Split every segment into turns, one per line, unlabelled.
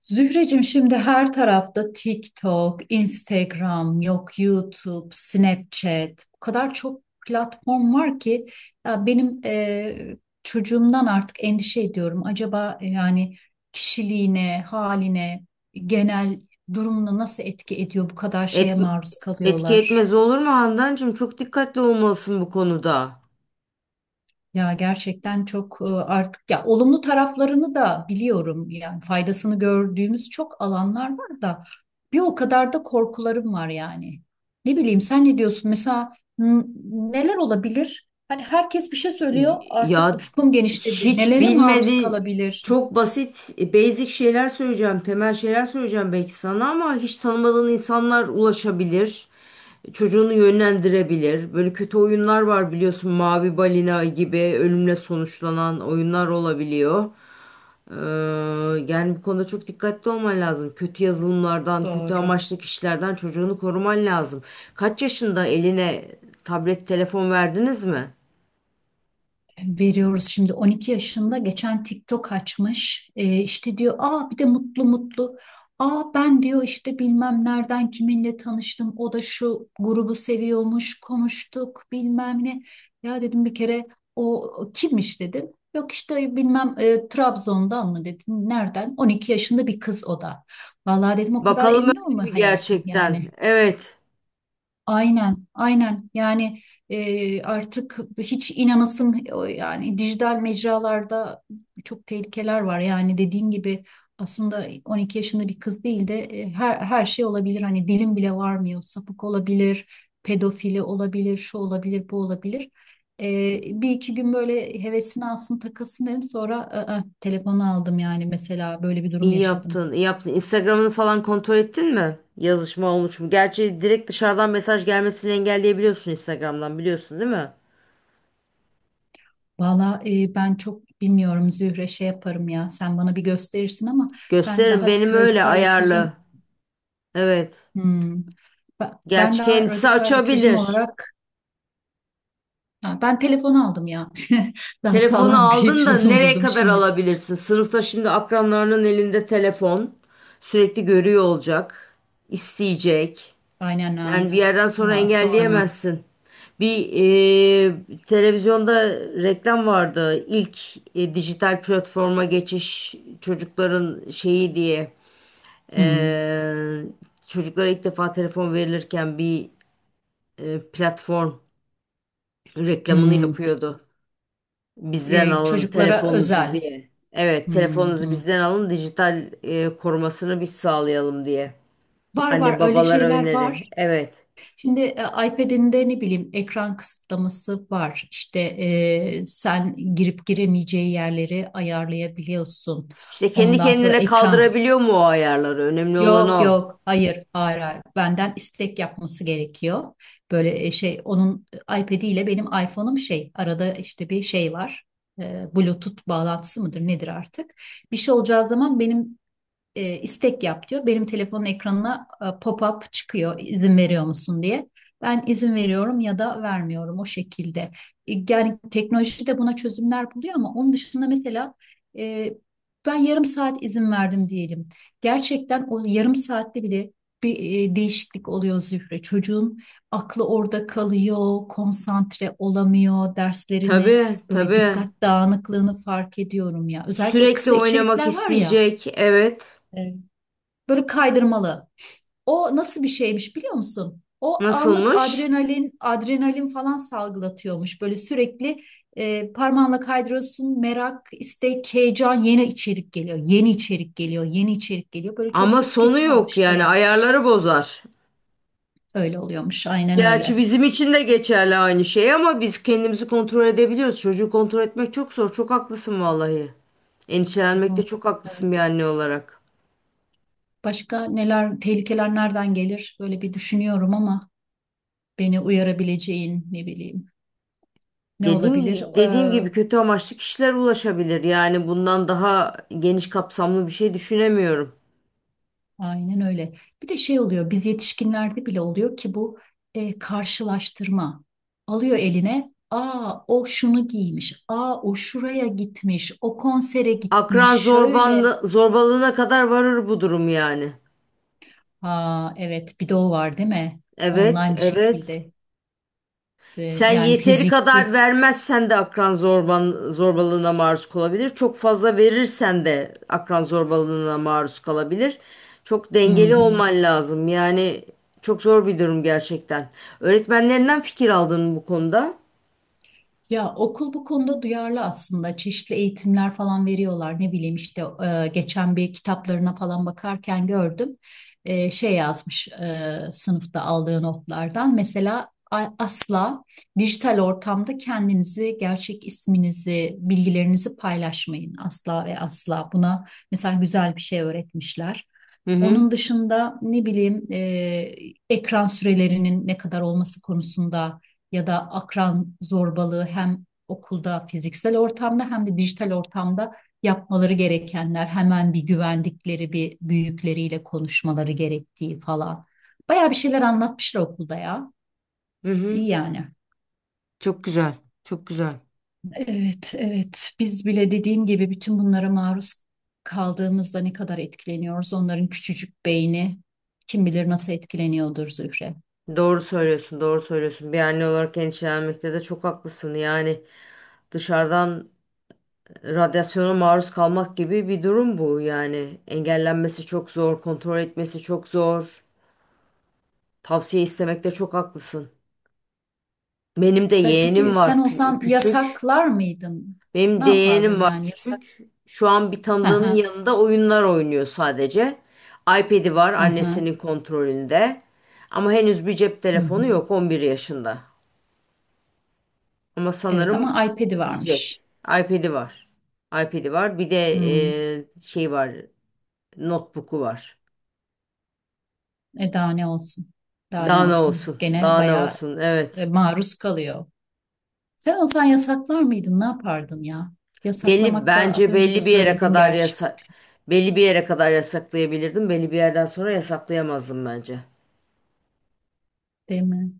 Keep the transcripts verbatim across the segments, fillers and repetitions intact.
Zühreciğim, şimdi her tarafta TikTok, Instagram, yok YouTube, Snapchat. O kadar çok platform var ki ya benim, e, çocuğumdan artık endişe ediyorum. Acaba e, yani kişiliğine, haline, genel durumuna nasıl etki ediyor bu kadar şeye
Et,
maruz
Etki
kalıyorlar?
etmez olur mu Handancığım? Çok dikkatli olmalısın bu konuda.
Ya gerçekten çok, e, artık ya olumlu taraflarını da biliyorum. Yani faydasını gördüğümüz çok alanlar var da bir o kadar da korkularım var yani. Ne bileyim, sen ne diyorsun? Mesela n- neler olabilir? Hani herkes bir şey söylüyor.
Y-
Artık
Ya
ufkum genişledi.
hiç
Nelere maruz
bilmediğin
kalabilir?
çok basit e, basic şeyler söyleyeceğim, temel şeyler söyleyeceğim belki sana ama hiç tanımadığın insanlar ulaşabilir. Çocuğunu yönlendirebilir. Böyle kötü oyunlar var biliyorsun, Mavi Balina gibi ölümle sonuçlanan oyunlar olabiliyor. Ee, Yani bu konuda çok dikkatli olman lazım. Kötü yazılımlardan, kötü
Doğru.
amaçlı kişilerden çocuğunu koruman lazım. Kaç yaşında eline tablet, telefon verdiniz mi?
Veriyoruz şimdi, on iki yaşında geçen TikTok açmış. Ee, işte diyor, aa bir de mutlu mutlu, aa ben diyor işte bilmem nereden kiminle tanıştım, o da şu grubu seviyormuş, konuştuk bilmem ne. Ya dedim bir kere, o, o kimmiş dedim. Yok işte bilmem, e, Trabzon'dan mı dedim, nereden? on iki yaşında bir kız o da. Vallahi dedim, o kadar
Bakalım
emin
öyle mi
olma hayatım
gerçekten?
yani.
Evet.
Aynen, aynen. Yani e, artık hiç inanasım, yani dijital mecralarda çok tehlikeler var. Yani dediğin gibi, aslında on iki yaşında bir kız değil de, e, her her şey olabilir. Hani dilim bile varmıyor. Sapık olabilir, pedofili olabilir, şu olabilir, bu olabilir. E, Bir iki gün böyle hevesini alsın, takılsın dedim. Sonra, "Aa, telefonu aldım yani, mesela böyle bir durum
İyi
yaşadım."
yaptın, iyi yaptın. Instagram'ını falan kontrol ettin mi? Yazışma olmuş mu? Gerçi direkt dışarıdan mesaj gelmesini engelleyebiliyorsun Instagram'dan, biliyorsun değil mi?
Valla e, ben çok bilmiyorum Zühre, şey yaparım ya, sen bana bir gösterirsin ama ben
Gösteririm,
daha
benim öyle
radikal bir
ayarlı.
çözüm.
Evet.
Hmm. Ba- Ben
Gerçi
daha
kendisi
radikal bir çözüm
açabilir.
olarak. Ha, ben telefon aldım ya. Daha
Telefonu
sağlam bir
aldın da
çözüm
nereye
buldum
kadar
şimdi.
alabilirsin? Sınıfta şimdi akranlarının elinde telefon. Sürekli görüyor olacak, isteyecek.
Aynen,
Yani bir
aynen.
yerden sonra
Ya sorma.
engelleyemezsin. Bir e, televizyonda reklam vardı. İlk e, dijital platforma geçiş çocukların şeyi diye.
Hmm,
E, Çocuklara ilk defa telefon verilirken bir e, platform reklamını
hmm.
yapıyordu. Bizden
E,
alın
çocuklara
telefonunuzu
özel.
diye. Evet,
Hmm,
telefonunuzu
hmm.
bizden alın, dijital e, korumasını biz sağlayalım diye.
Var var,
Anne
öyle
babalara
şeyler
öneri.
var.
Evet.
Şimdi e, iPad'inde ne bileyim ekran kısıtlaması var. İşte e, sen girip giremeyeceği yerleri ayarlayabiliyorsun.
İşte kendi
Ondan sonra
kendine
ekran.
kaldırabiliyor mu o ayarları? Önemli olan
Yok
o.
yok, hayır hayır, hayır. Benden istek yapması gerekiyor. Böyle e, şey, onun iPad'i ile benim iPhone'um, şey arada işte bir şey var. E, Bluetooth bağlantısı mıdır nedir artık? Bir şey olacağı zaman benim, e, istek yap diyor. Benim telefonun ekranına e, pop-up çıkıyor, izin veriyor musun diye. Ben izin veriyorum ya da vermiyorum, o şekilde. E, Yani teknoloji de buna çözümler buluyor ama onun dışında mesela, e, ben yarım saat izin verdim diyelim. Gerçekten o yarım saatte bile bir e, değişiklik oluyor Zühre. Çocuğun aklı orada kalıyor, konsantre olamıyor, derslerini,
Tabii,
böyle
tabii.
dikkat dağınıklığını fark ediyorum ya. Özellikle o
Sürekli
kısa
oynamak
içerikler var ya.
isteyecek. Evet.
Böyle kaydırmalı. O nasıl bir şeymiş biliyor musun? O anlık
Nasılmış?
adrenalin, adrenalin falan salgılatıyormuş. Böyle sürekli, e, parmağınla kaydırıyorsun. Merak, istek, heyecan, yeni içerik geliyor. Yeni içerik geliyor, yeni içerik geliyor. Böyle
Ama
çocuğu
sonu
tüketime
yok, yani
alıştıra.
ayarları bozar.
Öyle oluyormuş, aynen
Gerçi
öyle.
bizim için de geçerli aynı şey, ama biz kendimizi kontrol edebiliyoruz. Çocuğu kontrol etmek çok zor. Çok haklısın vallahi. Endişelenmekte
Bu-
çok haklısın bir
Evet.
anne olarak.
Başka neler, tehlikeler nereden gelir? Böyle bir düşünüyorum ama beni uyarabileceğin ne bileyim, ne
Dediğim,
olabilir?
gi- dediğim gibi kötü amaçlı kişiler ulaşabilir. Yani bundan daha geniş kapsamlı bir şey düşünemiyorum.
Aynen öyle. Bir de şey oluyor, biz yetişkinlerde bile oluyor ki bu e, karşılaştırma. Alıyor eline, aa o şunu giymiş, aa o şuraya gitmiş, o konsere
Akran
gitmiş, şöyle.
zorbanlı, zorbalığına kadar varır bu durum yani.
Aa, evet, bir de o var değil mi?
Evet,
Online bir
evet.
şekilde. E,
Sen
Yani
yeteri kadar
fiziki.
vermezsen de akran zorban, zorbalığına maruz kalabilir. Çok fazla verirsen de akran zorbalığına maruz kalabilir. Çok
Hı
dengeli
hı.
olman lazım. Yani çok zor bir durum gerçekten. Öğretmenlerinden fikir aldın mı bu konuda?
Ya, okul bu konuda duyarlı aslında. Çeşitli eğitimler falan veriyorlar. Ne bileyim işte, e, geçen bir kitaplarına falan bakarken gördüm. E, şey yazmış, e, sınıfta aldığı notlardan. Mesela a- asla dijital ortamda kendinizi, gerçek isminizi, bilgilerinizi paylaşmayın. Asla ve asla. Buna mesela güzel bir şey öğretmişler.
Hı hı.
Onun dışında ne bileyim, e, ekran sürelerinin ne kadar olması konusunda ya da akran zorbalığı, hem okulda fiziksel ortamda hem de dijital ortamda yapmaları gerekenler, hemen bir güvendikleri bir büyükleriyle konuşmaları gerektiği falan. Bayağı bir şeyler anlatmışlar okulda ya.
Hı
İyi
hı.
yani.
Çok güzel. Çok güzel.
Evet, evet. Biz bile dediğim gibi bütün bunlara maruz kaldığımızda ne kadar etkileniyoruz? Onların küçücük beyni kim bilir nasıl etkileniyordur Zühre.
Doğru söylüyorsun, doğru söylüyorsun. Bir anne olarak endişelenmekte de çok haklısın. Yani dışarıdan radyasyona maruz kalmak gibi bir durum bu yani. Engellenmesi çok zor, kontrol etmesi çok zor. Tavsiye istemekte çok haklısın. Benim de
Pe- Peki
yeğenim var,
sen
kü-
olsan
küçük.
yasaklar mıydın?
Benim
Ne
de yeğenim
yapardın
var,
yani, yasak?
küçük. Şu an bir tanıdığının yanında oyunlar oynuyor sadece. iPad'i var
Aha,
annesinin kontrolünde. Ama henüz bir cep
hı
telefonu
hı.
yok, On bir yaşında. Ama
Evet
sanırım
ama iPad'i varmış.
diyecek. iPad'i var. iPad'i var. Bir de
Hmm.
e, şey var. Notebook'u var.
E, daha ne olsun? Daha ne
Daha ne
olsun?
olsun?
Gene
Daha ne
bayağı
olsun?
e,
Evet.
maruz kalıyor. Sen olsan yasaklar mıydın? Ne yapardın ya?
Belli
Yasaklamak da, az
bence
önce de
belli bir yere
söyledin
kadar
gerçi,
yasa belli bir yere kadar yasaklayabilirdim. Belli bir yerden sonra yasaklayamazdım bence.
değil mi?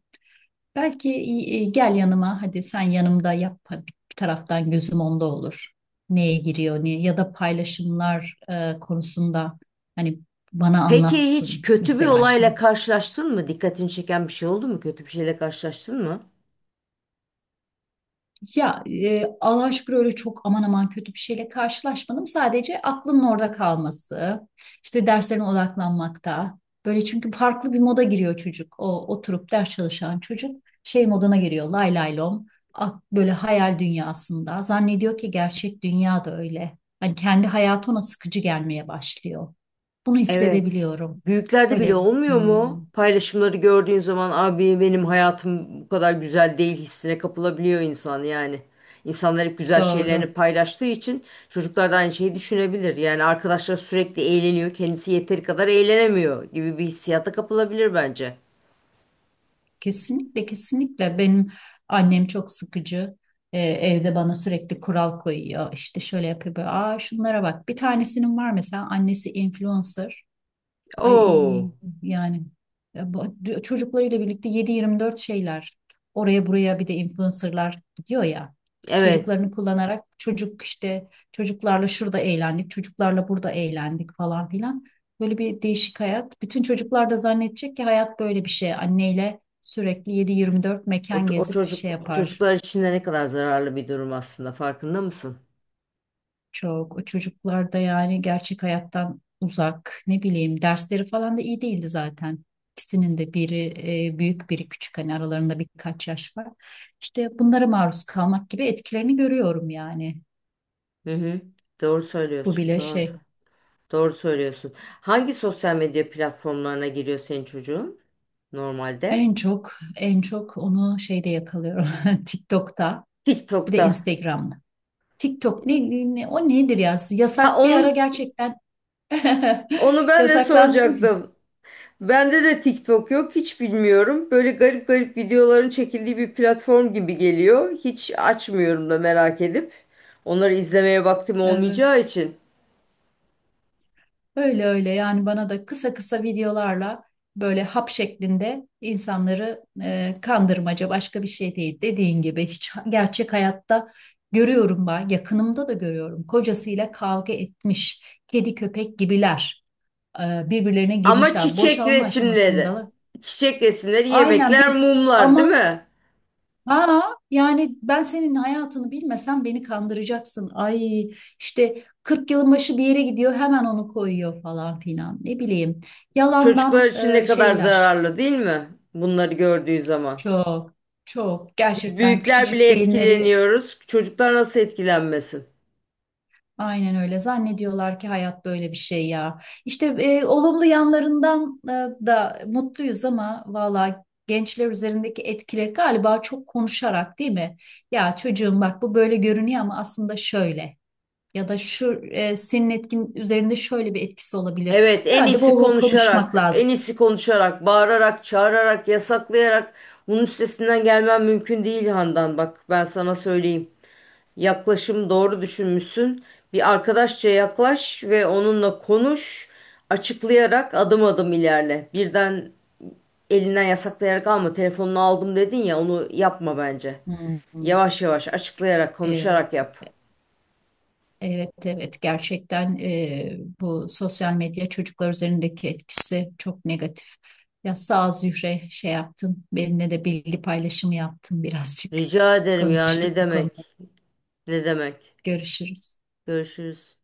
Belki e, e, gel yanıma, hadi sen yanımda yap. Hadi, bir taraftan gözüm onda olur. Neye giriyor, ne ya da paylaşımlar e, konusunda hani bana
Peki hiç
anlatsın
kötü bir
mesela
olayla
şimdi.
karşılaştın mı? Dikkatini çeken bir şey oldu mu? Kötü bir şeyle karşılaştın mı?
Ya, e, Allah'a şükür öyle çok aman aman kötü bir şeyle karşılaşmadım. Sadece aklının orada kalması, işte derslerine odaklanmakta. Böyle çünkü farklı bir moda giriyor çocuk. O oturup ders çalışan çocuk şey moduna giriyor. Lay lay lom. Ak- Böyle hayal dünyasında. Zannediyor ki gerçek dünya da öyle. Hani kendi hayatı ona sıkıcı gelmeye başlıyor. Bunu
Evet.
hissedebiliyorum.
Büyüklerde bile
Böyle.
olmuyor
Hmm.
mu? Paylaşımları gördüğün zaman, abi benim hayatım bu kadar güzel değil hissine kapılabiliyor insan yani. İnsanlar hep güzel şeylerini
Doğru.
paylaştığı için çocuklar da aynı şeyi düşünebilir. Yani arkadaşlar sürekli eğleniyor, kendisi yeteri kadar eğlenemiyor gibi bir hissiyata kapılabilir bence.
Kesinlikle, kesinlikle, benim annem çok sıkıcı. Ee, evde bana sürekli kural koyuyor. İşte şöyle yapıyor. Böyle. Aa, şunlara bak. Bir tanesinin var mesela annesi influencer. Ay,
Oo,
yani e, bu- d- çocuklarıyla birlikte yedi yirmi dört şeyler, oraya buraya, bir de influencerlar gidiyor ya,
evet.
çocuklarını kullanarak. Çocuk işte, çocuklarla şurada eğlendik, çocuklarla burada eğlendik falan filan. Böyle bir değişik hayat. Bütün çocuklar da zannedecek ki hayat böyle bir şey, anneyle sürekli yedi yirmi dört
O,
mekan
ç- o
gezip şey
çocuk o
yapar.
çocuklar için de ne kadar zararlı bir durum aslında, farkında mısın?
Çok. O çocuklar da yani gerçek hayattan uzak. Ne bileyim dersleri falan da iyi değildi zaten. İkisinin de biri e, büyük, biri küçük, hani aralarında birkaç yaş var. İşte bunlara maruz kalmak gibi etkilerini görüyorum yani.
Hı hı. Doğru
Bu
söylüyorsun.
bile
Doğru.
şey.
Doğru söylüyorsun. Hangi sosyal medya platformlarına giriyor senin çocuğun normalde?
En çok, en çok onu şeyde yakalıyorum TikTok'ta, bir de
TikTok'ta.
Instagram'da. TikTok ne, ne o nedir ya,
Ha,
yasak bir
onu
ara gerçekten
onu ben de
yasaklansın.
soracaktım. Bende de TikTok yok, hiç bilmiyorum. Böyle garip garip videoların çekildiği bir platform gibi geliyor. Hiç açmıyorum da merak edip. Onları izlemeye vaktim
Evet.
olmayacağı için.
Öyle öyle yani, bana da kısa kısa videolarla böyle hap şeklinde insanları, e, kandırmaca başka bir şey değil. Dediğin gibi hiç gerçek hayatta görüyorum, ben yakınımda da görüyorum. Kocasıyla kavga etmiş, kedi köpek gibiler, e, birbirlerine
Ama
girmişler,
çiçek
boşanma
resimleri.
aşamasında.
Çiçek resimleri,
Aynen.
yemekler,
Bir
mumlar, değil
ama.
mi?
Ha, yani ben senin hayatını bilmesem beni kandıracaksın. Ay, işte kırk yılın başı bir yere gidiyor, hemen onu koyuyor falan filan. Ne bileyim.
Çocuklar
Yalandan
için ne
e,
kadar
şeyler.
zararlı, değil mi? Bunları gördüğü zaman.
Çok, çok
Biz
gerçekten
büyükler
küçücük
bile
beyinleri
etkileniyoruz. Çocuklar nasıl etkilenmesin?
aynen öyle zannediyorlar ki hayat böyle bir şey ya. İşte e, olumlu yanlarından e, da mutluyuz ama valla gençler üzerindeki etkileri galiba, çok konuşarak değil mi? Ya çocuğum bak, bu böyle görünüyor ama aslında şöyle. Ya da şu, e, senin etkin üzerinde şöyle bir etkisi olabilir.
Evet, en
Herhalde
iyisi
bol bol
konuşarak,
konuşmak
en
lazım.
iyisi konuşarak, bağırarak, çağırarak, yasaklayarak bunun üstesinden gelmem mümkün değil Handan. Bak ben sana söyleyeyim. Yaklaşım doğru, düşünmüşsün. Bir arkadaşça yaklaş ve onunla konuş. Açıklayarak adım adım ilerle. Birden elinden yasaklayarak alma. Telefonunu aldım dedin ya, onu yapma bence.
Hmm.
Yavaş yavaş açıklayarak, konuşarak
Evet,
yap.
evet, evet. Gerçekten e, bu sosyal medya çocuklar üzerindeki etkisi çok negatif. Ya sağ ol Zühre, şey yaptın. Benimle de bilgi paylaşımı yaptın birazcık.
Rica ederim, ya ne
Konuştuk bu konuda.
demek? Ne demek?
Görüşürüz.
Görüşürüz.